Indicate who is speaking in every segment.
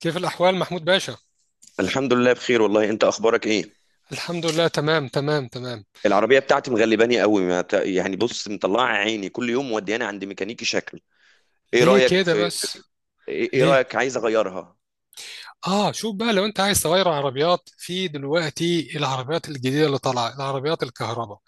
Speaker 1: كيف الأحوال محمود باشا؟
Speaker 2: الحمد لله بخير والله، انت اخبارك ايه؟
Speaker 1: الحمد لله، تمام تمام تمام.
Speaker 2: العربيه بتاعتي مغلباني قوي، ما ت... يعني بص، مطلعه عيني كل يوم، مودياني عند ميكانيكي شكل. ايه
Speaker 1: ليه
Speaker 2: رايك؟
Speaker 1: كده
Speaker 2: في
Speaker 1: بس؟
Speaker 2: ايه؟ إيه
Speaker 1: ليه؟
Speaker 2: رايك؟ عايز اغيرها.
Speaker 1: آه، شوف بقى، لو أنت عايز تغير عربيات، في دلوقتي العربيات الجديدة اللي طالعة العربيات الكهرباء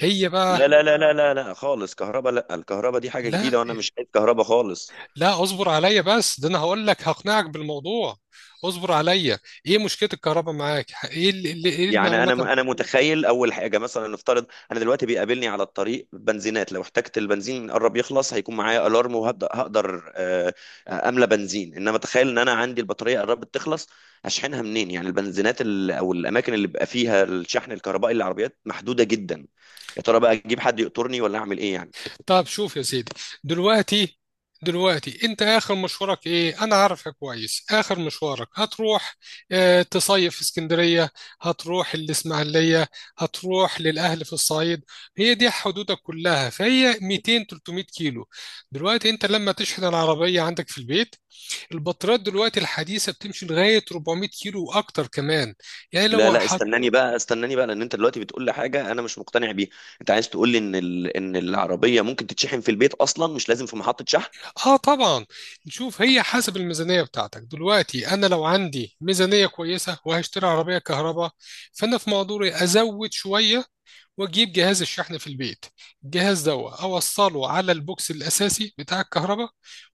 Speaker 1: هي بقى.
Speaker 2: لا، لا، لا، لا، لا، لا خالص كهرباء. لا، الكهرباء دي حاجه
Speaker 1: لا
Speaker 2: جديده وانا مش عايز كهرباء خالص.
Speaker 1: لا، اصبر عليا بس، ده أنا هقول لك، هقنعك بالموضوع. اصبر عليا. إيه مشكلة الكهرباء معاك؟ إيه
Speaker 2: يعني
Speaker 1: المعلومات؟
Speaker 2: انا متخيل اول حاجه، مثلا نفترض، انا دلوقتي بيقابلني على الطريق بنزينات، لو احتجت البنزين قرب يخلص هيكون معايا الارم وهبدا هقدر املى بنزين. انما تخيل ان انا عندي البطاريه قربت تخلص، هشحنها منين؟ يعني البنزينات او الاماكن اللي بيبقى فيها الشحن الكهربائي للعربيات محدوده جدا. يا ترى بقى اجيب حد يقطرني ولا اعمل ايه يعني؟
Speaker 1: طب شوف يا سيدي، دلوقتي دلوقتي انت اخر مشوارك ايه؟ انا عارفك كويس، اخر مشوارك هتروح، اه، تصيف في اسكندرية، هتروح الاسماعيلية، هتروح للاهل في الصعيد. هي دي حدودك كلها، فهي 200 300 كيلو. دلوقتي انت لما تشحن العربية عندك في البيت، البطاريات دلوقتي الحديثة بتمشي لغاية 400 كيلو واكتر كمان. يعني لو،
Speaker 2: لا، لا، استناني بقى، استناني بقى، لان انت دلوقتي بتقول لي حاجه انا مش مقتنع بيها. انت عايز تقول لي ان ان العربيه ممكن تتشحن في البيت اصلا، مش لازم في محطه شحن؟
Speaker 1: اه طبعا. شوف، هي حسب الميزانيه بتاعتك. دلوقتي انا لو عندي ميزانيه كويسه وهشتري عربيه كهرباء، فانا في مقدوري ازود شويه واجيب جهاز الشحن في البيت. الجهاز ده اوصله على البوكس الاساسي بتاع الكهرباء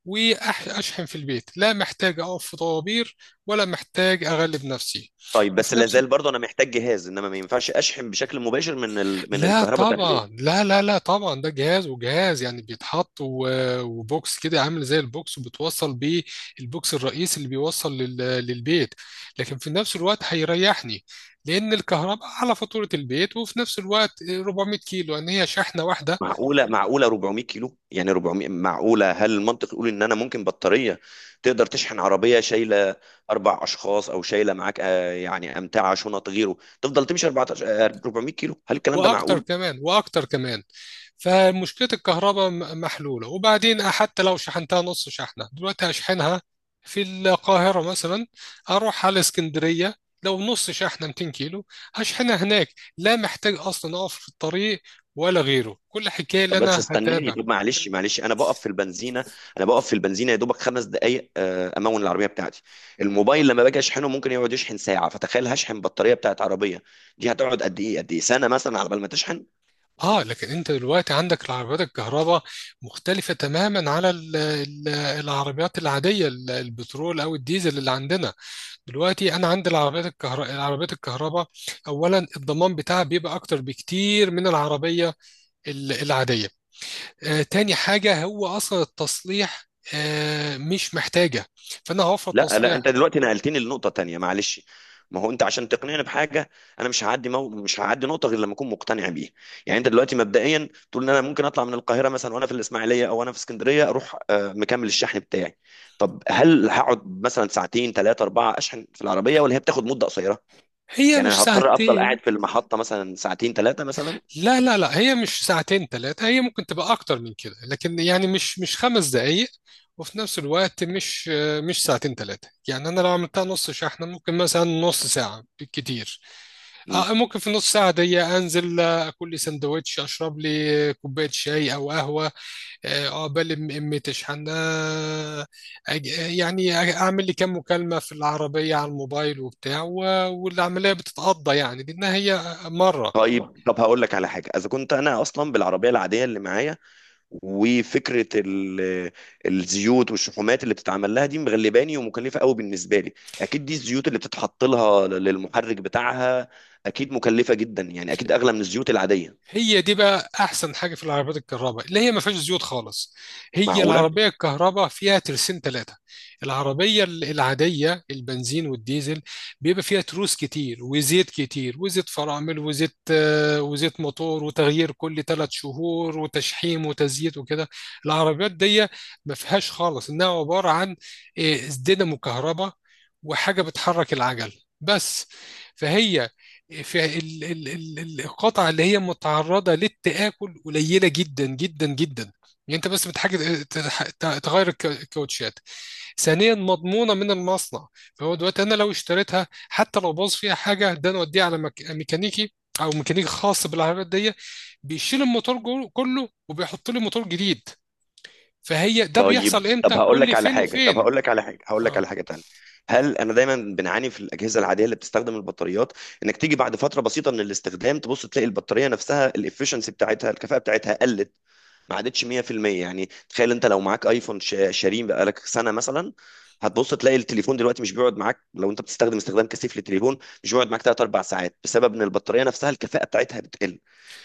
Speaker 1: واشحن في البيت، لا محتاج اقف في طوابير ولا محتاج اغلب نفسي.
Speaker 2: طيب، بس
Speaker 1: وفي نفس
Speaker 2: لازال برضه انا محتاج جهاز، انما ما ينفعش اشحن بشكل مباشر من من
Speaker 1: لا
Speaker 2: الكهرباء بتاعت
Speaker 1: طبعا،
Speaker 2: البيت؟
Speaker 1: لا لا لا طبعا، ده جهاز، وجهاز يعني بيتحط، و- وبوكس كده عامل زي البوكس وبتوصل بيه البوكس الرئيسي اللي بيوصل للبيت. لكن في نفس الوقت هيريحني، لأن الكهرباء على فاتورة البيت، وفي نفس الوقت 400 كيلو يعني هي شحنة واحدة.
Speaker 2: معقوله، معقوله 400 كيلو؟ يعني 400 معقوله؟ هل المنطق يقول ان انا ممكن بطاريه تقدر تشحن عربيه شايله 4 اشخاص، او شايله معاك يعني امتعه شنط غيره، تفضل تمشي 14، 400 كيلو؟ هل الكلام ده
Speaker 1: واكتر
Speaker 2: معقول؟
Speaker 1: كمان، واكتر كمان. فمشكله الكهرباء محلوله. وبعدين حتى لو شحنتها نص شحنه، دلوقتي هشحنها في القاهره مثلا، اروح على اسكندريه، لو نص شحنه 200 كيلو هشحنها هناك، لا محتاج اصلا اقف في الطريق ولا غيره، كل حكايه اللي
Speaker 2: طب بس
Speaker 1: انا
Speaker 2: استناني،
Speaker 1: هتابع.
Speaker 2: طب معلش، انا بقف في البنزينه يا دوبك 5 دقائق، امون العربيه بتاعتي. الموبايل لما باجي اشحنه ممكن يقعد يشحن ساعه، فتخيل هشحن بطاريه بتاعت عربيه، دي هتقعد قد ايه؟ سنه مثلا على بال ما تشحن؟
Speaker 1: اه لكن انت دلوقتي عندك العربيات الكهرباء مختلفه تماما على العربيات العاديه، البترول او الديزل اللي عندنا. دلوقتي انا عندي العربيات الكهرباء، اولا الضمان بتاعها بيبقى اكتر بكتير من العربيه العاديه. تاني حاجه، هو اصلا التصليح، مش محتاجه، فانا هوفر
Speaker 2: لا، لا،
Speaker 1: تصليح.
Speaker 2: انت دلوقتي نقلتني لنقطة تانية، معلش. ما هو انت عشان تقنعني بحاجة، انا مش هعدي نقطة غير لما اكون مقتنع بيها. يعني انت دلوقتي مبدئيا تقول ان انا ممكن اطلع من القاهرة مثلا، وانا في الاسماعيلية او انا في اسكندرية، اروح مكمل الشحن بتاعي؟ طب هل هقعد مثلا ساعتين، ثلاثة، أربعة اشحن في العربية، ولا هي بتاخد مدة قصيرة؟
Speaker 1: هي
Speaker 2: يعني
Speaker 1: مش
Speaker 2: انا هضطر افضل قاعد
Speaker 1: ساعتين،
Speaker 2: في المحطة مثلا ساعتين، ثلاثة مثلا؟
Speaker 1: لا لا لا، هي مش ساعتين ثلاثة، هي ممكن تبقى أكتر من كده، لكن يعني مش خمس دقايق. وفي نفس الوقت مش ساعتين ثلاثة، يعني أنا لو عملتها نص شحنة ممكن مثلا نص ساعة بالكتير.
Speaker 2: مم.
Speaker 1: ممكن في نص ساعة دي أنزل، أكل لي سندوتش، أشرب لي كوباية شاي أو قهوة، عقبال أمي تشحن، يعني أعمل لي كام مكالمة في العربية على الموبايل وبتاع، و- والعملية بتتقضى يعني، لأنها هي مرة.
Speaker 2: طيب، هقول لك على حاجة اذا كنت انا اصلا بالعربية العادية اللي معايا، وفكره الزيوت والشحومات اللي بتتعمل لها دي مغلباني ومكلفه قوي بالنسبه لي. اكيد دي الزيوت اللي بتتحط لها للمحرك بتاعها، اكيد مكلفه جدا، يعني اكيد اغلى من الزيوت العاديه.
Speaker 1: هي دي بقى احسن حاجه في العربيات الكهرباء، اللي هي ما فيهاش زيوت خالص. هي
Speaker 2: معقوله.
Speaker 1: العربيه الكهرباء فيها ترسين ثلاثه. العربيه العاديه، البنزين والديزل، بيبقى فيها تروس كتير وزيت كتير وزيت فرامل، وزيت موتور، وتغيير كل ثلاث شهور وتشحيم وتزييت وكده. العربيات دي ما فيهاش خالص، انها عباره عن، آه، دينامو كهرباء وحاجه بتحرك العجل بس. فهي فالقطع اللي هي متعرضة للتآكل قليلة جدا جدا جدا. يعني انت بس بتحاجة تغير الكاوتشات. ثانيا مضمونة من المصنع، فهو دلوقتي انا لو اشتريتها، حتى لو باظ فيها حاجة، ده انا اوديها على ميكانيكي او ميكانيكي خاص بالعربيات دي، بيشيل الموتور كله وبيحط لي موتور جديد. فهي ده بيحصل
Speaker 2: طيب، طب
Speaker 1: امتى،
Speaker 2: هقول لك
Speaker 1: كل
Speaker 2: على
Speaker 1: فين
Speaker 2: حاجه طب
Speaker 1: وفين.
Speaker 2: هقول لك على حاجه هقول لك
Speaker 1: آه.
Speaker 2: على حاجه تانية. هل انا دايما بنعاني في الاجهزه العاديه اللي بتستخدم البطاريات، انك تيجي بعد فتره بسيطه من الاستخدام، تبص تلاقي البطاريه نفسها الافشنسي بتاعتها، الكفاءه بتاعتها قلت، ما عادتش 100%؟ يعني تخيل انت لو معاك ايفون شاريه بقالك سنه مثلا، هتبص تلاقي التليفون دلوقتي مش بيقعد معاك، لو انت بتستخدم استخدام كثيف للتليفون، مش بيقعد معاك 3 4 ساعات، بسبب ان البطاريه نفسها الكفاءه بتاعتها بتقل.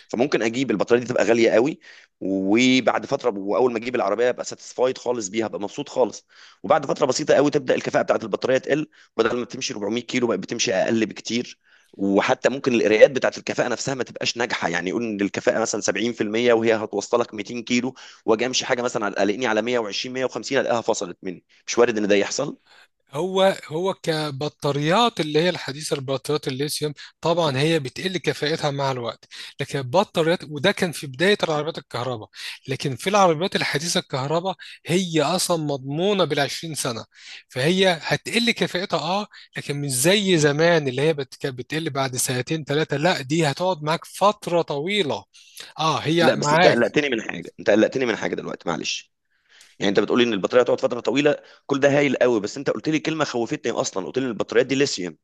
Speaker 2: فممكن اجيب البطاريه دي تبقى غاليه قوي، وبعد فتره، واول ما اجيب العربيه ابقى ساتسفايد خالص بيها، ابقى مبسوط خالص، وبعد فتره بسيطه قوي تبدا الكفاءه بتاعت البطاريه تقل، بدل ما بتمشي 400 كيلو بقت بتمشي اقل بكتير. وحتى ممكن القراءات بتاعت الكفاءه نفسها ما تبقاش ناجحه، يعني يقول ان الكفاءه مثلا 70% وهي هتوصلك 200 كيلو، واجي امشي حاجه مثلا قلقني على 120، 150، الاقيها فصلت مني. مش وارد ان ده يحصل.
Speaker 1: هو كبطاريات، اللي هي الحديثة، البطاريات الليثيوم، طبعا هي بتقل كفاءتها مع الوقت. لكن البطاريات، وده كان في بداية العربيات الكهرباء، لكن في العربيات الحديثة الكهرباء، هي أصلا مضمونة بالعشرين سنة. فهي هتقل كفاءتها لكن مش زي زمان اللي هي كانت بتقل بعد سنتين ثلاثة. لا، دي هتقعد معاك فترة طويلة. اه، هي
Speaker 2: لا، بس
Speaker 1: معاك
Speaker 2: انت قلقتني من حاجه دلوقتي، معلش. يعني انت بتقولي ان البطاريه هتقعد فتره طويله، كل ده هايل قوي، بس انت قلت لي كلمه خوفتني، اصلا قلت لي ان البطاريات دي ليثيوم.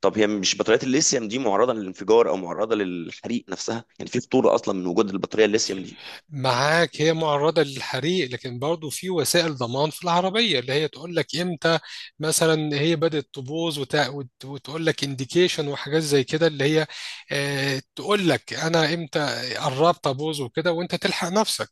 Speaker 2: طب هي مش بطاريات الليثيوم دي معرضه للانفجار او معرضه للحريق نفسها؟ يعني في خطوره اصلا من وجود البطاريه الليثيوم؟
Speaker 1: معاك هي معرضة للحريق، لكن برضو في وسائل ضمان في العربية اللي هي تقول لك امتى مثلا هي بدأت تبوظ، وتقول لك انديكيشن وحاجات زي كده، اللي هي تقول لك انا امتى قربت ابوظ وكده، وانت تلحق نفسك.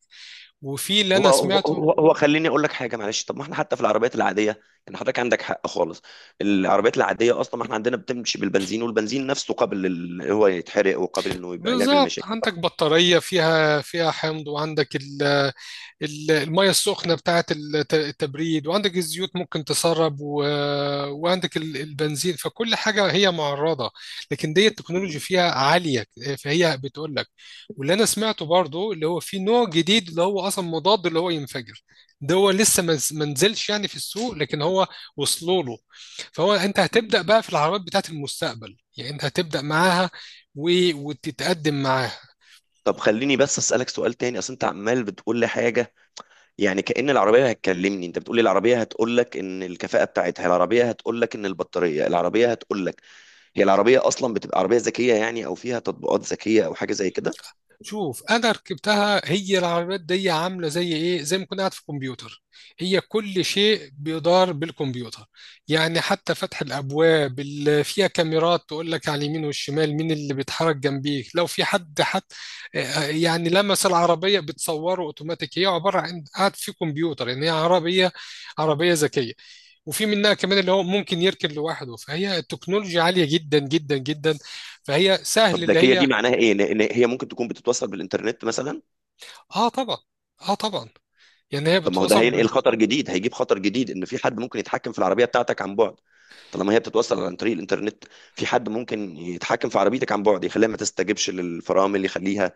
Speaker 1: وفي اللي
Speaker 2: هو
Speaker 1: انا
Speaker 2: هو
Speaker 1: سمعته،
Speaker 2: هو هو خليني اقول لك حاجه، معلش. طب ما احنا حتى في العربيات العاديه، يعني حضرتك عندك حق خالص، العربيات العاديه اصلا ما احنا عندنا بتمشي بالبنزين، والبنزين نفسه قابل هو يتحرق، وقابل انه يبقى يعمل
Speaker 1: بالظبط،
Speaker 2: مشاكل.
Speaker 1: عندك بطارية فيها حمض، وعندك المية السخنة بتاعة التبريد، وعندك الزيوت ممكن تسرب، و... وعندك البنزين، فكل حاجة هي معرضة. لكن دي التكنولوجي فيها عالية، فهي بتقول لك. واللي أنا سمعته برضو، اللي هو في نوع جديد اللي هو أصلا مضاد اللي هو ينفجر، ده هو لسه ما نزلش يعني في السوق، لكن هو وصلوا له. فهو أنت هتبدأ بقى في العربيات بتاعة المستقبل، يعني أنت هتبدأ معاها و... وتتقدم معاها.
Speaker 2: طب خليني بس اسالك سؤال تاني، اصل انت عمال بتقول لي حاجه، يعني كأن العربيه هتكلمني. انت بتقول لي العربيه هتقول لك ان الكفاءه بتاعتها، العربيه هتقول لك ان البطاريه، العربيه هتقول لك. هي العربيه اصلا بتبقى عربيه ذكيه يعني، او فيها تطبيقات ذكيه او حاجه زي كده؟
Speaker 1: شوف، انا ركبتها، هي العربيات دي عامله زي ايه، زي ما كنت قاعد في كمبيوتر، هي كل شيء بيدار بالكمبيوتر. يعني حتى فتح الابواب، اللي فيها كاميرات تقول لك على اليمين والشمال مين اللي بيتحرك جنبيك لو في حد، حتى يعني لمس العربيه بتصوره اوتوماتيك. هي عباره عن قاعد في كمبيوتر يعني، هي عربيه ذكيه. وفي منها كمان اللي هو ممكن يركن لوحده، فهي التكنولوجيا عالية جدا جدا جدا، فهي
Speaker 2: طب
Speaker 1: سهل اللي
Speaker 2: ذكيه دي
Speaker 1: هي.
Speaker 2: معناها ايه؟ ان هي ممكن تكون بتتوصل بالانترنت مثلا؟
Speaker 1: اه طبعا، اه طبعا، يعني هي
Speaker 2: طب ما هو ده
Speaker 1: بتوصل بين.
Speaker 2: هينقل خطر جديد هيجيب خطر جديد، ان في حد ممكن يتحكم في العربيه بتاعتك عن بعد، طالما هي بتتوصل عن طريق الانترنت. في حد ممكن يتحكم في عربيتك عن بعد، يخليها ما تستجبش للفرامل، يخليها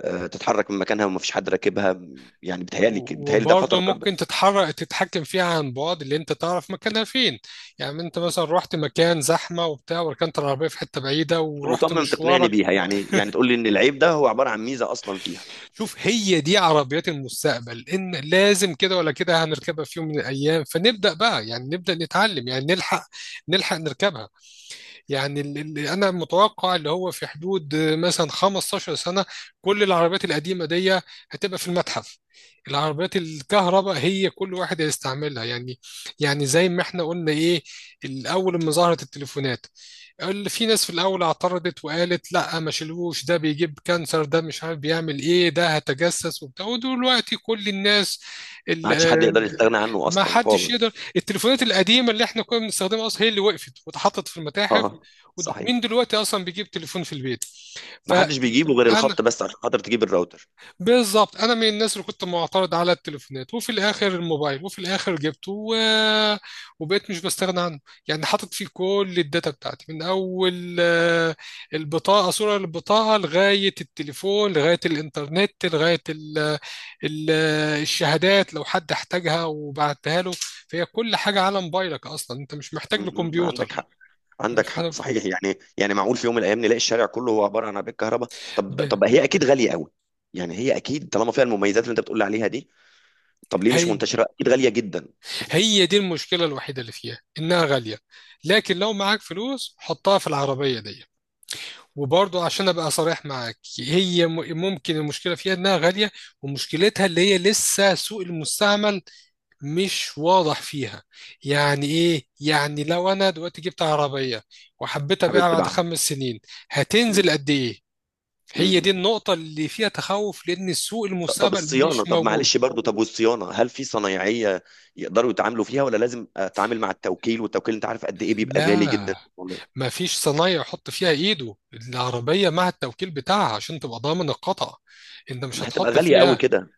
Speaker 2: تتحرك من مكانها وما فيش حد راكبها. يعني بتهيالي ده
Speaker 1: وبرضه
Speaker 2: خطر برضه.
Speaker 1: ممكن تتحكم فيها عن بعد، اللي انت تعرف مكانها فين. يعني انت مثلا رحت مكان زحمه وبتاع، وركنت العربيه في حته بعيده،
Speaker 2: أنت
Speaker 1: ورحت
Speaker 2: مصمم تقنعني
Speaker 1: مشوارك.
Speaker 2: بيها، يعني تقول لي ان العيب ده هو عباره عن ميزه اصلا فيها؟
Speaker 1: شوف، هي دي عربيات المستقبل، ان لازم كده ولا كده هنركبها في يوم من الايام، فنبدا بقى يعني نبدا نتعلم، يعني نلحق نركبها. يعني اللي انا متوقع، اللي هو في حدود مثلا 15 سنه، كل العربيات القديمه دي هتبقى في المتحف. العربيات الكهرباء هي كل واحد هيستعملها، يعني يعني زي ما احنا قلنا ايه، الاول لما ظهرت التليفونات، اللي في ناس في الاول اعترضت وقالت لا، ما شيلوش، ده بيجيب كانسر، ده مش عارف بيعمل ايه، ده هتجسس وبتاع، ودلوقتي كل الناس،
Speaker 2: ما عادش حد يقدر يستغنى عنه
Speaker 1: ما
Speaker 2: اصلا
Speaker 1: حدش
Speaker 2: خالص.
Speaker 1: يقدر. التليفونات القديمه اللي احنا كنا بنستخدمها اصلا، هي اللي وقفت واتحطت في المتاحف.
Speaker 2: اه.
Speaker 1: مين
Speaker 2: صحيح.
Speaker 1: دلوقتي اصلا بيجيب تليفون في البيت؟
Speaker 2: ما حدش بيجيبه غير
Speaker 1: فانا
Speaker 2: الخط، بس عشان خاطر تجيب الراوتر.
Speaker 1: بالظبط، انا من الناس اللي كنت معترض على التليفونات، وفي الاخر الموبايل، وفي الاخر جبته و... وبقيت مش بستغنى عنه. يعني حاطط فيه كل الداتا بتاعتي من اول، البطاقه، صوره البطاقه، لغايه التليفون، لغايه الانترنت، لغايه ال... الشهادات لو حد احتاجها وبعتها له. فهي كل حاجه على موبايلك، اصلا انت مش محتاج
Speaker 2: م- عندك
Speaker 1: لكمبيوتر،
Speaker 2: حق،
Speaker 1: مش محتاج.
Speaker 2: صحيح، يعني معقول في يوم من الايام نلاقي الشارع كله هو عباره عن عربيه كهرباء؟ طب
Speaker 1: ب...
Speaker 2: طب هي اكيد غاليه قوي، يعني هي اكيد طالما فيها المميزات اللي انت بتقول عليها دي، طب ليه مش
Speaker 1: هي
Speaker 2: منتشره؟ اكيد غاليه جدا.
Speaker 1: هي دي المشكلة الوحيدة اللي فيها، إنها غالية. لكن لو معاك فلوس حطها في العربية دي. وبرضو عشان أبقى صريح معاك، هي ممكن المشكلة فيها إنها غالية، ومشكلتها اللي هي لسه سوق المستعمل مش واضح فيها. يعني إيه؟ يعني لو أنا دلوقتي جبت عربية وحبيت
Speaker 2: حابب
Speaker 1: أبيعها بعد
Speaker 2: تباع.
Speaker 1: خمس سنين،
Speaker 2: م-
Speaker 1: هتنزل قد إيه؟
Speaker 2: م-
Speaker 1: هي دي
Speaker 2: م.
Speaker 1: النقطة اللي فيها تخوف، لأن سوق
Speaker 2: طب
Speaker 1: المستقبل
Speaker 2: الصيانه،
Speaker 1: مش
Speaker 2: طب
Speaker 1: موجود.
Speaker 2: معلش برضو، والصيانه، هل في صنايعيه يقدروا يتعاملوا فيها، ولا لازم اتعامل مع التوكيل؟ والتوكيل انت عارف قد ايه بيبقى غالي
Speaker 1: لا،
Speaker 2: جدا والله.
Speaker 1: ما فيش صنايعي يحط فيها ايده، العربية مع التوكيل بتاعها عشان تبقى ضامن القطع، انت
Speaker 2: طب
Speaker 1: مش
Speaker 2: ما هتبقى
Speaker 1: هتحط
Speaker 2: غاليه قوي
Speaker 1: فيها.
Speaker 2: كده،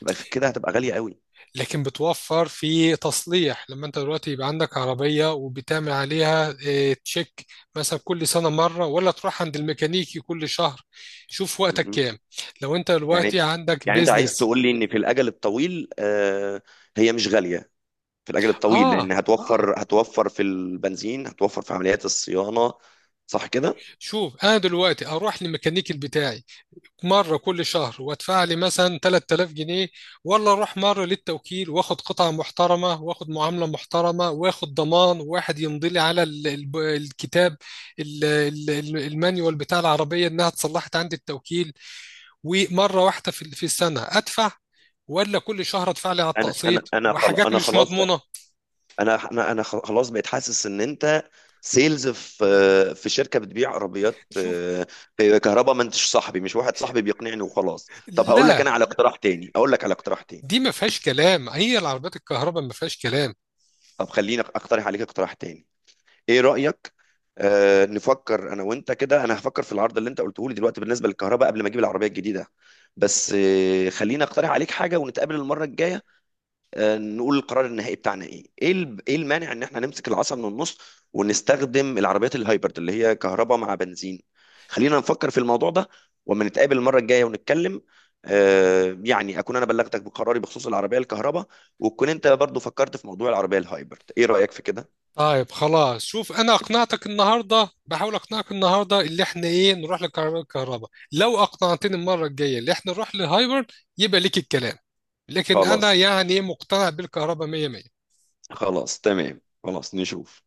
Speaker 2: تبقى في كده هتبقى غاليه قوي.
Speaker 1: لكن بتوفر في تصليح. لما انت دلوقتي يبقى عندك عربية وبتعمل عليها تشيك مثلا كل سنة مرة، ولا تروح عند الميكانيكي كل شهر. شوف
Speaker 2: م-
Speaker 1: وقتك
Speaker 2: م.
Speaker 1: كام، لو انت دلوقتي
Speaker 2: يعني
Speaker 1: عندك
Speaker 2: يعني انت عايز
Speaker 1: بيزنس.
Speaker 2: تقول لي ان في الاجل الطويل هي مش غاليه، في الاجل
Speaker 1: اه
Speaker 2: الطويل،
Speaker 1: آه.
Speaker 2: لان هتوفر في البنزين، هتوفر في عمليات الصيانه. صح كده؟
Speaker 1: شوف، انا دلوقتي اروح للميكانيكي بتاعي مرة كل شهر وادفع لي مثلا 3000 جنيه، ولا اروح مرة للتوكيل واخد قطعة محترمة واخد معاملة محترمة واخد ضمان، واحد يمضي لي على الكتاب، المانيوال بتاع العربية، انها اتصلحت عند التوكيل، ومرة واحدة في السنة ادفع؟ ولا كل شهر ادفع لي على التقسيط وحاجات
Speaker 2: انا
Speaker 1: مش
Speaker 2: خلاص بقى،
Speaker 1: مضمونة؟
Speaker 2: انا خلاص بقيت حاسس ان انت سيلز في شركه بتبيع عربيات
Speaker 1: شوف،
Speaker 2: كهرباء. ما انتش صاحبي، مش واحد صاحبي بيقنعني وخلاص. طب هقول لك
Speaker 1: لا،
Speaker 2: انا على اقتراح تاني اقول لك على اقتراح تاني،
Speaker 1: دي ما فيهاش كلام، هي العربيات الكهرباء ما فيهاش كلام.
Speaker 2: طب خليني اقترح عليك اقتراح تاني. ايه رأيك؟ نفكر انا وانت كده، انا هفكر في العرض اللي انت قلته لي دلوقتي بالنسبة للكهرباء قبل ما اجيب العربية الجديدة. بس خليني اقترح عليك حاجة ونتقابل المرة الجاية، نقول القرار النهائي بتاعنا ايه المانع ان احنا نمسك العصا من النص، ونستخدم العربيات الهايبرد اللي هي كهرباء مع بنزين. خلينا نفكر في الموضوع ده، وما نتقابل المرة الجاية ونتكلم، يعني اكون انا بلغتك بقراري بخصوص العربية الكهرباء، وتكون انت برضو فكرت في موضوع العربية الهايبرد. ايه رأيك في كده؟
Speaker 1: طيب خلاص، شوف، انا اقنعتك النهارده، بحاول اقنعك النهارده اللي احنا ايه، نروح للكهرباء. لو اقنعتني المره الجايه اللي احنا نروح لهايبر، يبقى ليك الكلام. لكن انا
Speaker 2: خلاص،
Speaker 1: يعني مقتنع بالكهرباء 100.
Speaker 2: خلاص، تمام، خلاص نشوف.